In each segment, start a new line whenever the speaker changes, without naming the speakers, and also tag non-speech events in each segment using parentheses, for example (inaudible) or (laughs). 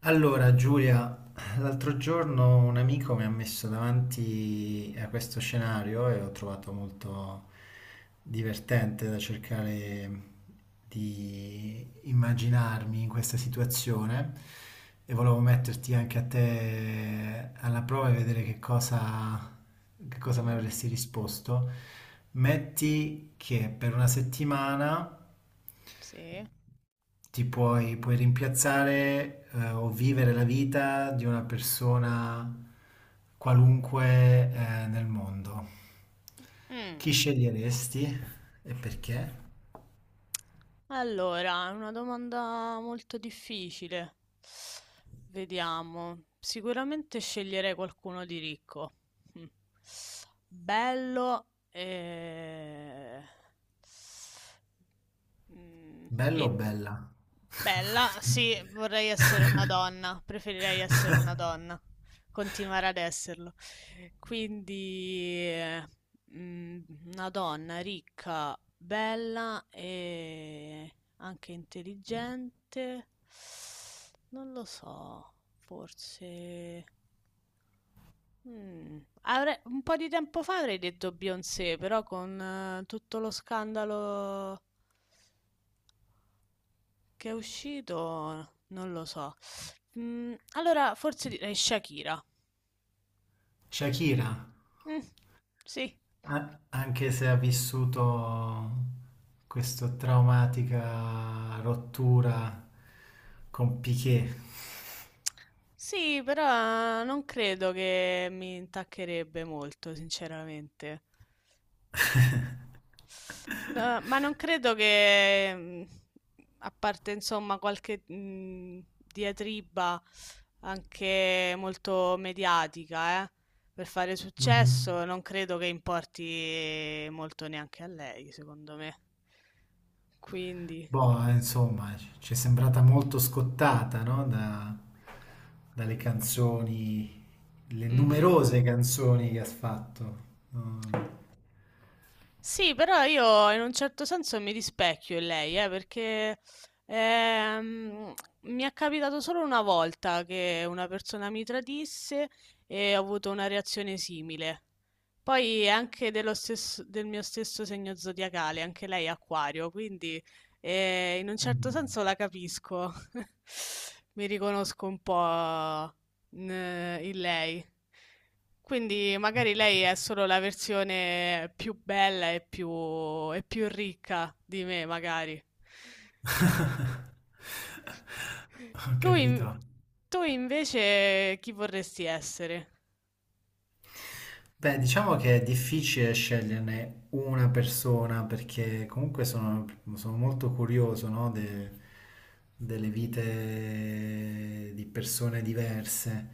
Allora, Giulia, l'altro giorno un amico mi ha messo davanti a questo scenario e l'ho trovato molto divertente da cercare di immaginarmi in questa situazione e volevo metterti anche a te alla prova e vedere che cosa mi
Mh-mh,
avresti risposto. Metti che per una settimana
sì.
puoi rimpiazzare o vivere la vita di una persona qualunque nel mondo. Chi
Mh.
sceglieresti e perché?
Allora, è una domanda molto difficile. Vediamo. Sicuramente sceglierei qualcuno di ricco. Mh. Bello e Mm,
Bello o
e-
bella?
Bella, sì, vorrei essere una donna, preferirei essere una
(laughs)
donna, continuare ad esserlo. Quindi, mm, una donna ricca, bella e anche intelligente. Non lo so, forse... un po' di tempo fa avrei detto Beyoncé, però con tutto lo scandalo... Che è uscito? Non lo so. Allora, forse direi Shakira.
Shakira,
Mm, sì.
anche se ha vissuto questa traumatica rottura con Piqué.
Sì, però non credo che mi intaccherebbe molto, sinceramente. Ma
(laughs)
non credo che, a parte insomma qualche diatriba anche molto mediatica, per fare
Mhm.
successo, non credo che importi molto neanche a lei, secondo me. Quindi,
Boh, insomma, ci è sembrata molto scottata, no? Dalle canzoni, le
mhm.
numerose canzoni che ha fatto. Mm.
Sì, però io in un certo senso mi rispecchio in lei, perché ehm, mi è capitato solo una volta che una persona mi tradisse e ho avuto una reazione simile. Poi è anche del mio stesso segno zodiacale, anche lei è acquario, quindi in un certo
Mm.
senso la capisco. (laughs) Mi riconosco un po' in, in lei. Quindi magari lei è solo la versione più bella e più ricca di me, magari.
(laughs) Ho
Tu, in-
capito.
tu invece chi vorresti essere?
Beh, diciamo che è difficile sceglierne una persona perché sono molto curioso, no, delle vite di persone diverse.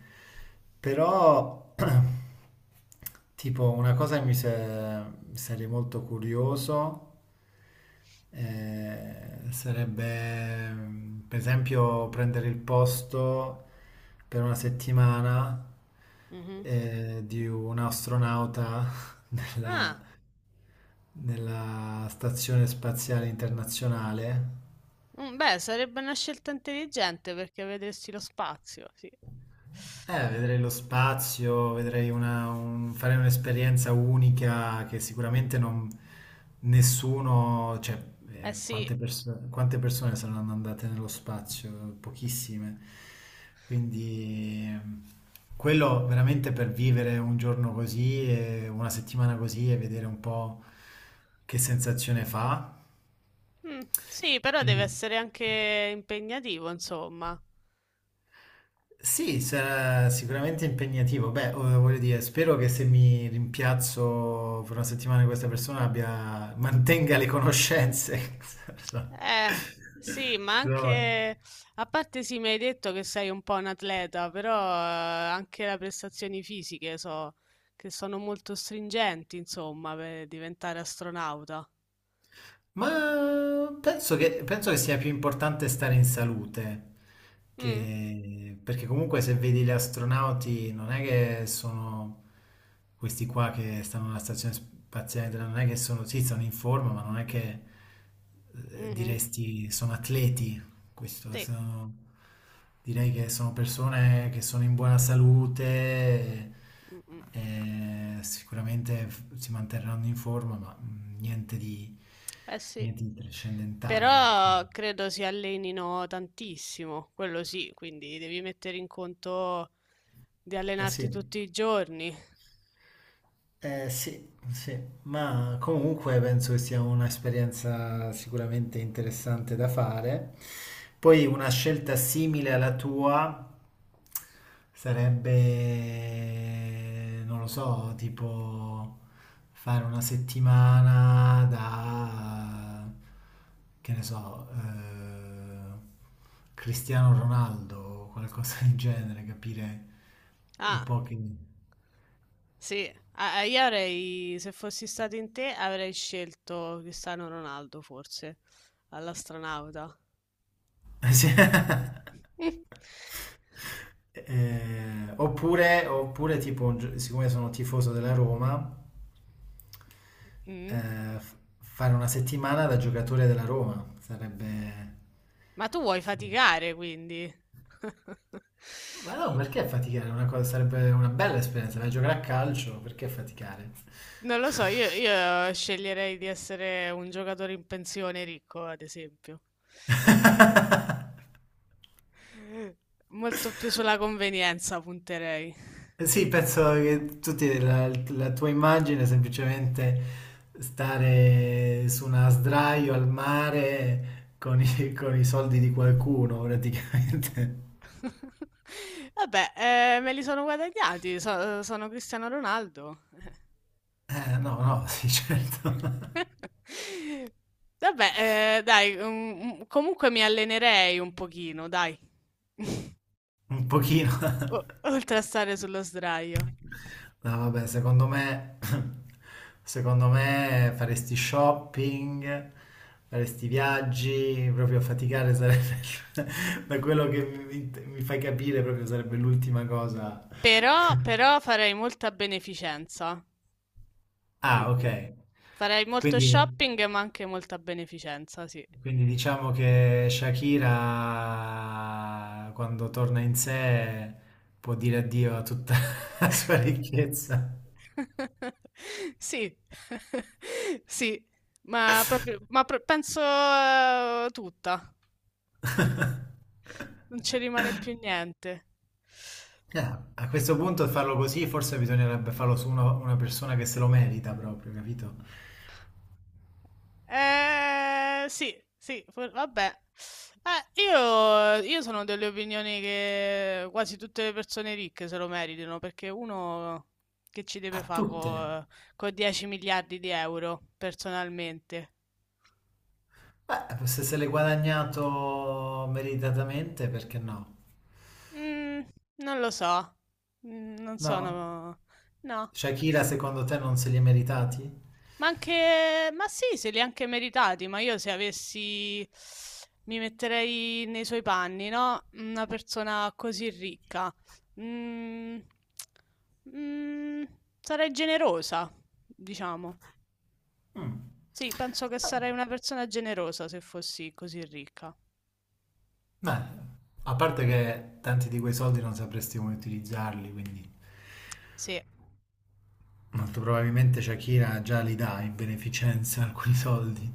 Però, (clears throat) tipo, una cosa che sarei molto curioso sarebbe per esempio prendere il posto per una settimana
Mhm.
di un astronauta (laughs) nella,
Ah.
nella Stazione Spaziale Internazionale.
Mm, beh, sarebbe una scelta intelligente perché vedresti lo spazio, sì.
Vedrei lo spazio, farei un'esperienza unica che sicuramente non, nessuno, cioè,
Eh sì.
quante persone saranno andate nello spazio? Pochissime. Quindi quello veramente per vivere un giorno così, e una settimana così e vedere un po' che sensazione fa.
Mm, sì, però deve
Quindi.
essere anche impegnativo, insomma.
Sì, sarà sicuramente impegnativo. Beh, voglio dire, spero che se mi rimpiazzo per una settimana di questa mantenga le conoscenze. (laughs)
Eh, sì, ma
No.
anche... A parte sì, mi hai detto che sei un po' un atleta, però anche le prestazioni fisiche so che sono molto stringenti, insomma, per diventare astronauta.
Ma penso che sia più importante stare in salute,
Mm,
perché comunque se vedi gli astronauti non è che sono questi qua che stanno alla stazione spaziale, non è che sono, sì, sono in forma, ma non è che
mhm,
diresti sono atleti. Questo
sì.
sono- Direi che sono persone che sono in buona
Mm, mm.
e sicuramente si manterranno in forma, ma
Eh sì,
niente di trascendentale, ecco.
però credo si allenino tantissimo, quello sì, quindi devi mettere in conto di
Eh sì.
allenarti tutti i giorni.
Sì, sì, ma comunque penso che sia un'esperienza sicuramente interessante da fare. Poi una scelta simile alla tua sarebbe, non lo so, tipo fare una settimana che ne so, Cristiano Ronaldo o qualcosa del genere, capire un
Ah,
po' che...
sì, ah, se fossi stato in te, avrei scelto Cristiano Ronaldo forse, all'astronauta.
Sì. (laughs)
(laughs)
Oppure tipo, siccome sono tifoso della Roma,
Mm.
fare una settimana da giocatore della Roma sarebbe...
Ma tu vuoi
sarebbe.
faticare, quindi? (laughs)
Ma no, perché faticare? Una cosa, sarebbe una bella esperienza, vai a giocare a calcio, perché faticare?
Non lo so, io sceglierei di essere un giocatore in pensione ricco, ad esempio.
(laughs)
Molto più sulla convenienza punterei.
Eh sì, penso che la tua immagine è semplicemente stare su una sdraio al mare con i soldi di qualcuno, praticamente.
(laughs) Vabbè, me li sono guadagnati, sono Cristiano Ronaldo.
No, no, sì, certo.
(laughs) Vabbè, dai, comunque mi allenerei un pochino, dai. (laughs)
(laughs) Un pochino. (laughs)
Oltre a stare sullo sdraio.
No, vabbè, secondo me, (laughs) secondo me faresti shopping, faresti viaggi, proprio faticare sarebbe, (laughs) da quello che mi fai capire, proprio sarebbe l'ultima cosa.
Però, però farei molta beneficenza. Mm,
Ah,
mm.
ok.
Farei molto
Quindi,
shopping, ma anche molta beneficenza, sì.
quindi diciamo che Shakira, quando torna in sé, può dire addio a tutta (laughs) la sua ricchezza.
(laughs) Sì, (laughs) sì, ma proprio, penso tutta, non ci rimane più niente.
Ah, a questo punto farlo così, forse bisognerebbe farlo su una persona che se lo merita proprio, capito?
Sì, sì, vabbè. Io sono delle opinioni che quasi tutte le persone ricche se lo meritano, perché uno che ci deve
A
fare
tutte.
con 10 miliardi di euro, personalmente?
Beh, se se l'è guadagnato meritatamente, perché no?
Mm, non lo so. Non
No?
sono... No.
Shakira, secondo te non se li è meritati?
Ma anche, ma sì, se li ha anche meritati, ma io se avessi, mi metterei nei suoi panni, no? Una persona così ricca. Mm, mm, sarei generosa, diciamo.
Mm.
Sì, penso che sarei una persona generosa se fossi così ricca.
Beh, a parte che tanti di quei soldi non sapresti come utilizzarli, quindi
Sì,
molto probabilmente Shakira già li dà in beneficenza (laughs) alcuni soldi.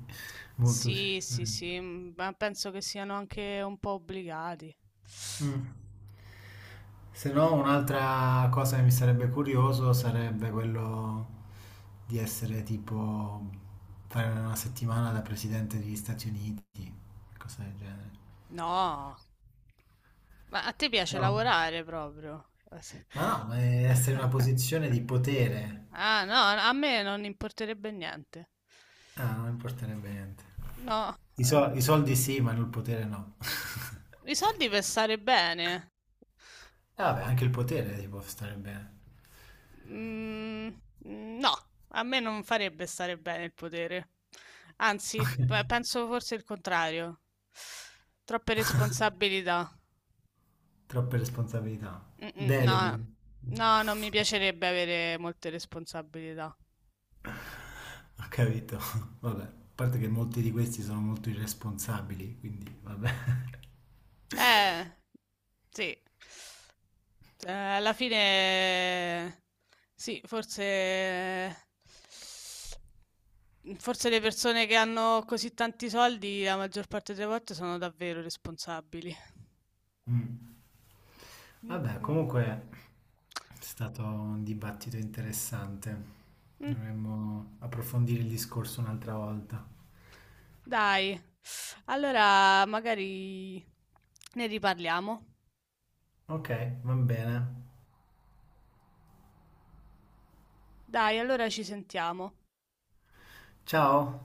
Molto sì.
sì, sì,
Mm.
sì, mm, ma penso che siano anche un po' obbligati.
Mm. Se no, un'altra cosa che mi sarebbe curioso sarebbe quello di essere tipo fare una settimana da presidente degli Stati Uniti, cosa del genere.
No, ma a te piace
No,
lavorare proprio.
ma
(laughs)
è essere in una posizione di potere.
Ah, no, a me non importerebbe niente.
Ah, non importerebbe niente.
No, eh,
I soldi sì, ma il potere no. (laughs)
i soldi per stare bene.
E vabbè, anche il potere ti può stare bene.
Mm, mm, no, a me non farebbe stare bene il potere. Anzi, penso forse il contrario. Troppe responsabilità.
Troppe responsabilità.
Mm, mm, no,
Deleghi.
no, non mi piacerebbe avere molte responsabilità.
Ho capito. (laughs) Vabbè, a parte che molti di questi sono molto irresponsabili, quindi vabbè.
Eh, sì. Alla fine sì, forse forse le persone che hanno così tanti soldi la maggior parte delle volte sono davvero responsabili.
Mm.
Mh,
Vabbè,
mh.
comunque è stato un dibattito interessante.
Mh,
Dovremmo approfondire il discorso un'altra volta.
dai. Allora magari ne riparliamo.
Ok, va bene.
Dai, allora ci sentiamo.
Ciao.